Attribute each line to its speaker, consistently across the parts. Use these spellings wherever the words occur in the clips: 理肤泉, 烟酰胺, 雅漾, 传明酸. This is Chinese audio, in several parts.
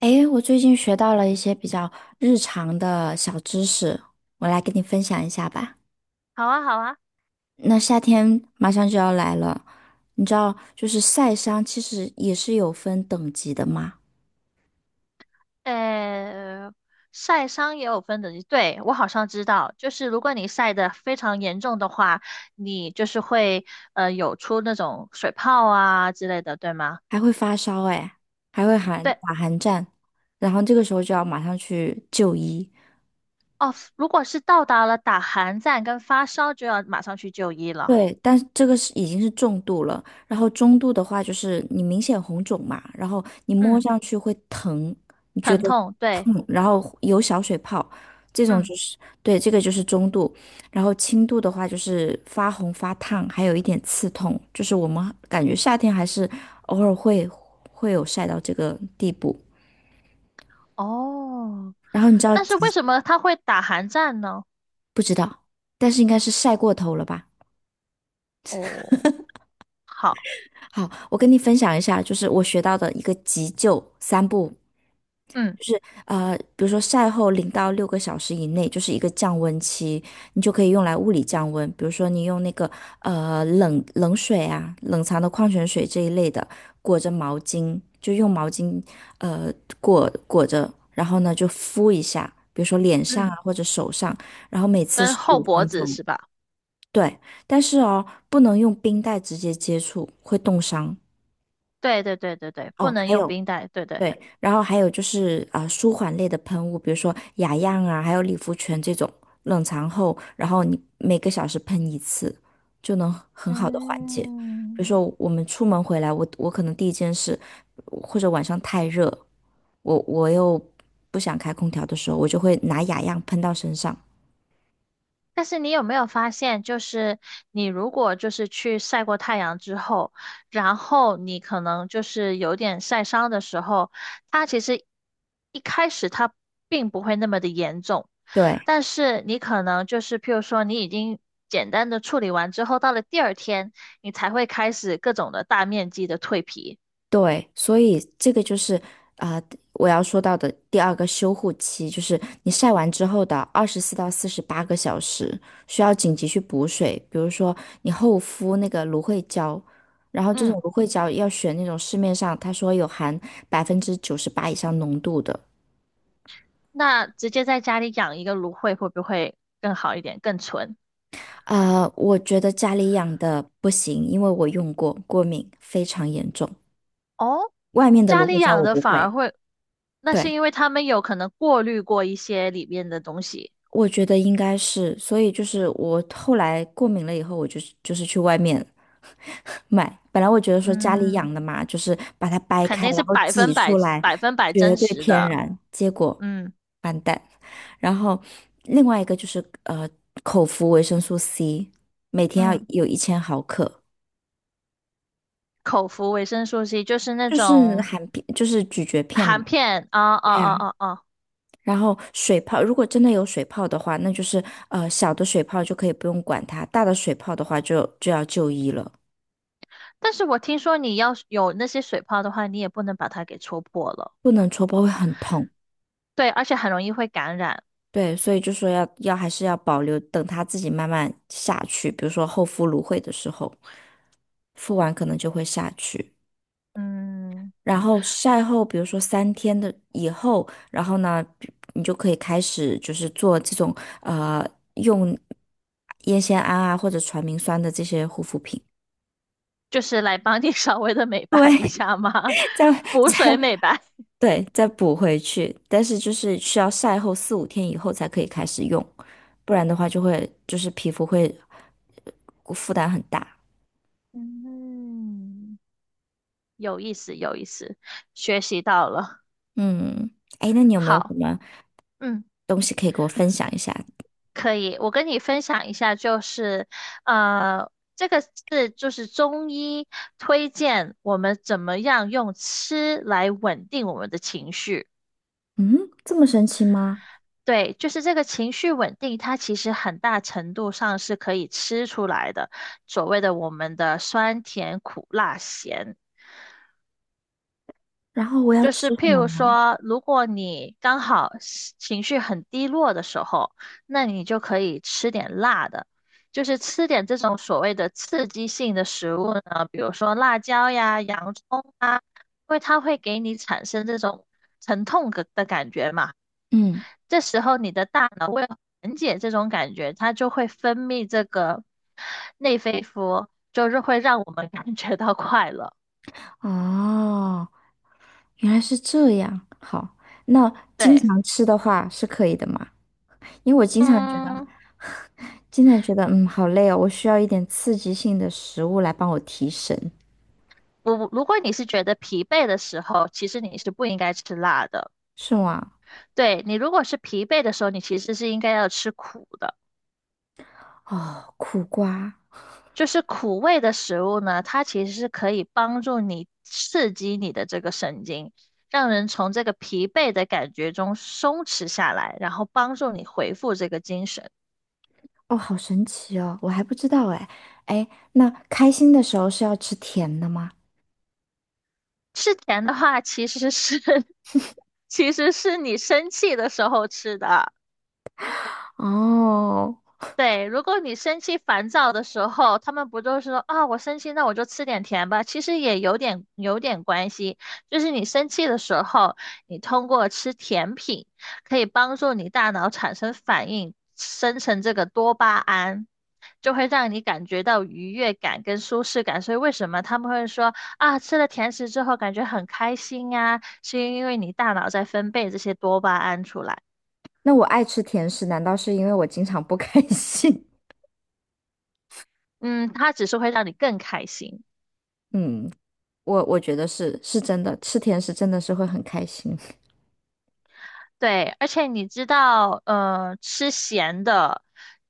Speaker 1: 诶，我最近学到了一些比较日常的小知识，我来跟你分享一下吧。
Speaker 2: 好啊，好啊，
Speaker 1: 那夏天马上就要来了，你知道，就是晒伤其实也是有分等级的嘛。
Speaker 2: 呃，晒伤也有分等级，对，我好像知道，就是如果你晒得非常严重的话，你就是会有出那种水泡啊之类的，对吗？
Speaker 1: 还会发烧诶，还会寒
Speaker 2: 对，
Speaker 1: 打寒战，然后这个时候就要马上去就医。
Speaker 2: 哦，如果是到达了打寒战跟发烧，就要马上去就医了。
Speaker 1: 对，但是这个是已经是重度了。然后中度的话就是你明显红肿嘛，然后你摸
Speaker 2: 嗯，
Speaker 1: 上去会疼，你觉
Speaker 2: 疼
Speaker 1: 得
Speaker 2: 痛，对，
Speaker 1: 痛，然后有小水泡，这种
Speaker 2: 嗯，
Speaker 1: 就是。对，这个就是中度。然后轻度的话就是发红发烫，还有一点刺痛，就是我们感觉夏天还是偶尔会有晒到这个地步。
Speaker 2: 哦，
Speaker 1: 然后你知道
Speaker 2: 但是为
Speaker 1: 急，
Speaker 2: 什么他会打寒战呢？
Speaker 1: 但是应该是晒过头了吧？
Speaker 2: 哦，好，
Speaker 1: 好，我跟你分享一下，就是我学到的一个急救三步。
Speaker 2: 嗯
Speaker 1: 比如说晒后0到6个小时以内就是一个降温期，你就可以用来物理降温。比如说你用那个呃冷冷水啊、冷藏的矿泉水这一类的，裹着毛巾，就用毛巾呃裹裹着，然后呢就敷一下，比如说脸上啊
Speaker 2: 嗯，
Speaker 1: 或者手上，然后每次
Speaker 2: 跟
Speaker 1: 十
Speaker 2: 后
Speaker 1: 五
Speaker 2: 脖
Speaker 1: 分
Speaker 2: 子
Speaker 1: 钟。
Speaker 2: 是吧？
Speaker 1: 对，但是哦，不能用冰袋直接接触，会冻伤。
Speaker 2: 对对对对对，不
Speaker 1: 哦，
Speaker 2: 能
Speaker 1: 还
Speaker 2: 用
Speaker 1: 有。
Speaker 2: 冰袋，对对。
Speaker 1: 对，然后还有就是舒缓类的喷雾，比如说雅漾啊，还有理肤泉这种，冷藏后，然后你每个小时喷一次，就能很好的缓解。比
Speaker 2: 嗯，
Speaker 1: 如说我们出门回来，我可能第一件事，或者晚上太热，我又不想开空调的时候，我就会拿雅漾喷到身上。
Speaker 2: 但是你有没有发现，就是你如果就是去晒过太阳之后，然后你可能就是有点晒伤的时候，它其实一开始它并不会那么的严重，
Speaker 1: 对，
Speaker 2: 但是你可能就是譬如说你已经简单的处理完之后，到了第二天，你才会开始各种的大面积的蜕皮。
Speaker 1: 对，所以这个就是啊、呃我要说到的第二个修护期，就是你晒完之后的24到48个小时，需要紧急去补水。比如说你厚敷那个芦荟胶，然后这
Speaker 2: 嗯，
Speaker 1: 种芦荟胶要选那种市面上他说有含98%以上浓度的。
Speaker 2: 那直接在家里养一个芦荟会不会更好一点，更纯？
Speaker 1: 我觉得家里养的不行，因为我用过，过敏非常严重。
Speaker 2: 哦，
Speaker 1: 外面的
Speaker 2: 家
Speaker 1: 芦荟
Speaker 2: 里
Speaker 1: 胶
Speaker 2: 养
Speaker 1: 我
Speaker 2: 的
Speaker 1: 不
Speaker 2: 反而
Speaker 1: 会。
Speaker 2: 会，那是
Speaker 1: 对。
Speaker 2: 因为他们有可能过滤过一些里面的东西，
Speaker 1: 我觉得应该是，所以就是我后来过敏了以后，我就是去外面买。本来我觉得说家里
Speaker 2: 嗯，
Speaker 1: 养的嘛，就是把它掰
Speaker 2: 肯
Speaker 1: 开，
Speaker 2: 定
Speaker 1: 然
Speaker 2: 是
Speaker 1: 后
Speaker 2: 百
Speaker 1: 挤
Speaker 2: 分百
Speaker 1: 出来，
Speaker 2: 百分百
Speaker 1: 绝
Speaker 2: 真
Speaker 1: 对
Speaker 2: 实
Speaker 1: 天
Speaker 2: 的，
Speaker 1: 然。结果
Speaker 2: 嗯
Speaker 1: 完蛋。然后另外一个就是口服维生素 C，每天要
Speaker 2: 嗯，
Speaker 1: 有1000毫克，
Speaker 2: 口服维生素 C 就是那
Speaker 1: 就是
Speaker 2: 种
Speaker 1: 含片，就是咀嚼片
Speaker 2: 含
Speaker 1: 嘛。
Speaker 2: 片，啊啊
Speaker 1: 对呀，
Speaker 2: 啊啊啊！
Speaker 1: 然后水泡，如果真的有水泡的话，那就是小的水泡就可以不用管它，大的水泡的话就要就医了。
Speaker 2: 但是我听说你要是有那些水泡的话，你也不能把它给戳破了，
Speaker 1: 不能戳破会很痛。
Speaker 2: 对，而且很容易会感染，
Speaker 1: 对，所以就说要还是要保留，等它自己慢慢下去，比如说厚敷芦荟的时候，敷完可能就会下去。
Speaker 2: 嗯，
Speaker 1: 然后晒后，比如说3天的以后，然后呢，你就可以开始就是做这种呃用烟酰胺啊或者传明酸的这些护肤品，
Speaker 2: 就是来帮你 稍微的美白一下嘛，
Speaker 1: 这样
Speaker 2: 补
Speaker 1: 这
Speaker 2: 水
Speaker 1: 样。
Speaker 2: 美白，
Speaker 1: 对，再补回去，但是就是需要晒后四五天以后才可以开始用，不然的话就会就是皮肤会负担很大。
Speaker 2: 嗯。有意思，有意思，学习到了。
Speaker 1: 嗯，哎，那你有没有什
Speaker 2: 好，
Speaker 1: 么
Speaker 2: 嗯，
Speaker 1: 东西可以给我分享一下？
Speaker 2: 可以。我跟你分享一下，就是呃，这个是就是中医推荐我们怎么样用吃来稳定我们的情绪。
Speaker 1: 嗯，这么神奇吗？
Speaker 2: 对，就是这个情绪稳定，它其实很大程度上是可以吃出来的，所谓的我们的酸甜苦辣咸。
Speaker 1: 然后我要
Speaker 2: 就是
Speaker 1: 吃什
Speaker 2: 譬
Speaker 1: 么
Speaker 2: 如
Speaker 1: 呢？
Speaker 2: 说，如果你刚好是情绪很低落的时候，那你就可以吃点辣的，就是吃点这种所谓的刺激性的食物呢，比如说辣椒呀、洋葱啊，因为它会给你产生这种疼痛的感觉嘛。
Speaker 1: 嗯，
Speaker 2: 这时候你的大脑为了缓解这种感觉，它就会分泌这个内啡素，就是会让我们感觉到快乐。
Speaker 1: 哦，原来是这样。好，那经
Speaker 2: 对，
Speaker 1: 常吃的话是可以的嘛？因为我经常觉得，
Speaker 2: 嗯。
Speaker 1: 经常觉得，嗯，好累哦，我需要一点刺激性的食物来帮我提神。
Speaker 2: 如果你是觉得疲惫的时候，其实你是不应该吃辣的。
Speaker 1: 是吗？
Speaker 2: 对，你如果是疲惫的时候，你其实是应该要吃苦的。
Speaker 1: 哦，苦瓜。
Speaker 2: 就是苦味的食物呢，它其实是可以帮助你刺激你的这个神经，让人从这个疲惫的感觉中松弛下来，然后帮助你恢复这个精神。
Speaker 1: 哦，好神奇哦，我还不知道哎。哎，那开心的时候是要吃甜的吗？
Speaker 2: 吃甜的话，其实是 其实是你生气的时候吃的。
Speaker 1: 哦，
Speaker 2: 对，如果你生气烦躁的时候，他们不就是说啊，我生气，那我就吃点甜吧？其实也有点关系，就是你生气的时候，你通过吃甜品可以帮助你大脑产生反应，生成这个多巴胺，就会让你感觉到愉悦感跟舒适感。所以为什么他们会说啊，吃了甜食之后感觉很开心啊，是因为你大脑在分泌这些多巴胺出来，
Speaker 1: 那我爱吃甜食，难道是因为我经常不开心？
Speaker 2: 嗯，它只是会让你更开心。
Speaker 1: 嗯，我觉得是真的，吃甜食真的是会很开心。
Speaker 2: 对，而且你知道，吃咸的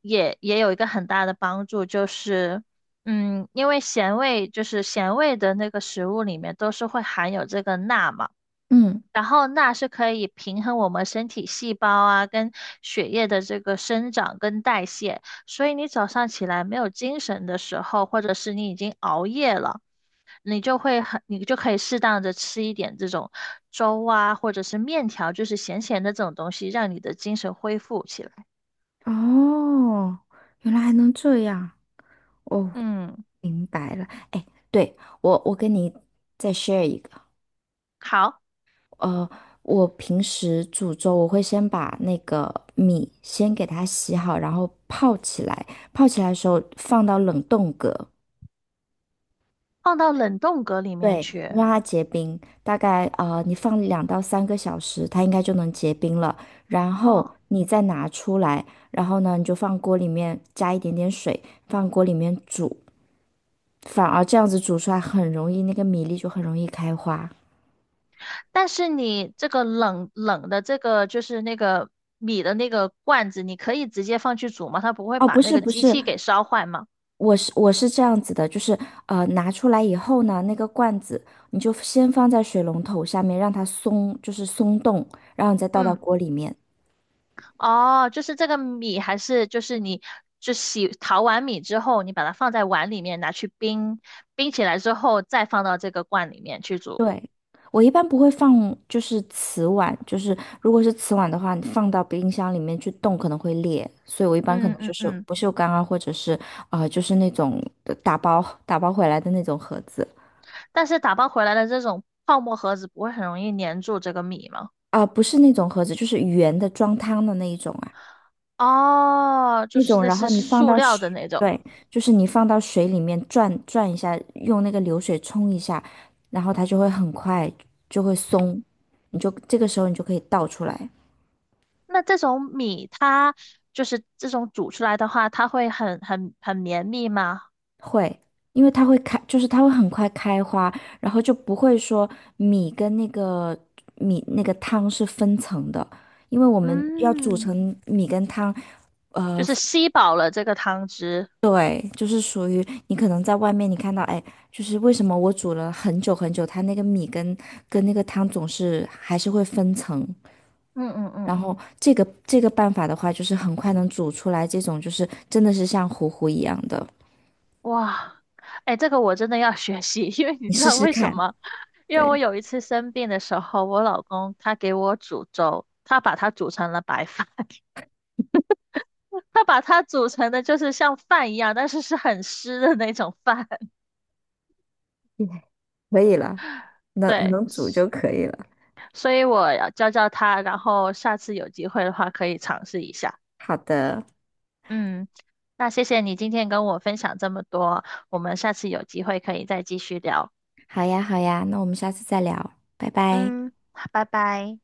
Speaker 2: 也有一个很大的帮助，就是，嗯，因为咸味就是咸味的那个食物里面都是会含有这个钠嘛，
Speaker 1: 嗯，
Speaker 2: 然后钠是可以平衡我们身体细胞啊跟血液的这个生长跟代谢，所以你早上起来没有精神的时候，或者是你已经熬夜了。你就会很，你就可以适当的吃一点这种粥啊，或者是面条，就是咸咸的这种东西，让你的精神恢复起来。
Speaker 1: 哦，原来还能这样。哦，
Speaker 2: 嗯，
Speaker 1: 明白了。哎，对，我跟你再 share 一个。
Speaker 2: 好，
Speaker 1: 呃，我平时煮粥，我会先把那个米先给它洗好，然后泡起来。泡起来的时候放到冷冻格。
Speaker 2: 放到冷冻格里面
Speaker 1: 对，
Speaker 2: 去。
Speaker 1: 你让它结冰。大概你放2到3个小时，它应该就能结冰了。然后
Speaker 2: 哦，
Speaker 1: 你再拿出来，然后呢，你就放锅里面加一点点水，放锅里面煮。反而这样子煮出来很容易，那个米粒就很容易开花。
Speaker 2: 但是你这个冷冷的这个就是那个米的那个罐子，你可以直接放去煮吗？它不会
Speaker 1: 哦，
Speaker 2: 把
Speaker 1: 不
Speaker 2: 那
Speaker 1: 是
Speaker 2: 个
Speaker 1: 不
Speaker 2: 机
Speaker 1: 是，
Speaker 2: 器给烧坏吗？
Speaker 1: 我是这样子的，就是拿出来以后呢，那个罐子你就先放在水龙头下面，让它松，就是松动，然后你再倒到
Speaker 2: 嗯。
Speaker 1: 锅里面。
Speaker 2: 哦，就是这个米还是就是你就洗淘完米之后，你把它放在碗里面拿去冰，冰起来之后再放到这个罐里面去煮。
Speaker 1: 对，我一般不会放，就是瓷碗，就是如果是瓷碗的话，你放到冰箱里面去冻可能会裂，所以我一般可
Speaker 2: 嗯
Speaker 1: 能就
Speaker 2: 嗯
Speaker 1: 是
Speaker 2: 嗯，
Speaker 1: 不锈钢啊，或者是就是那种打包回来的那种盒子。
Speaker 2: 但是打包回来的这种泡沫盒子不会很容易粘住这个米吗？
Speaker 1: 不是那种盒子，就是圆的装汤的那一种啊。
Speaker 2: 哦，就
Speaker 1: 那
Speaker 2: 是
Speaker 1: 种，
Speaker 2: 类
Speaker 1: 然后
Speaker 2: 似
Speaker 1: 你放
Speaker 2: 塑
Speaker 1: 到
Speaker 2: 料
Speaker 1: 水，
Speaker 2: 的那种。
Speaker 1: 对，就是你放到水里面转转一下，用那个流水冲一下，然后它就会很快就会松，你就这个时候你就可以倒出来。
Speaker 2: 那这种米它就是这种煮出来的话，它会很很很绵密吗？
Speaker 1: 会，因为它会开，就是它会很快开花，然后就不会说米跟那个米那个汤是分层的，因为我们要煮
Speaker 2: 嗯，
Speaker 1: 成米跟汤，
Speaker 2: 就
Speaker 1: 呃。
Speaker 2: 是吸饱了这个汤汁。
Speaker 1: 对，就是属于你可能在外面你看到，哎，就是为什么我煮了很久很久，它那个米跟那个汤总是还是会分层。
Speaker 2: 嗯嗯
Speaker 1: 然
Speaker 2: 嗯。
Speaker 1: 后这个办法的话，就是很快能煮出来这种，就是真的是像糊糊一样的。
Speaker 2: 哇，哎，这个我真的要学习，因为你
Speaker 1: 你
Speaker 2: 知
Speaker 1: 试
Speaker 2: 道
Speaker 1: 试
Speaker 2: 为什
Speaker 1: 看。
Speaker 2: 么？因为我
Speaker 1: 对，
Speaker 2: 有一次生病的时候，我老公他给我煮粥，他把它煮成了白饭，他把它煮成的就是像饭一样，但是是很湿的那种饭。
Speaker 1: 嗯可以了，能
Speaker 2: 对，
Speaker 1: 能煮就可以了。
Speaker 2: 所以我要教教他，然后下次有机会的话可以尝试一下。
Speaker 1: 好的，
Speaker 2: 嗯，那谢谢你今天跟我分享这么多，我们下次有机会可以再继续聊。
Speaker 1: 好呀好呀，那我们下次再聊，拜拜。
Speaker 2: 嗯，拜拜。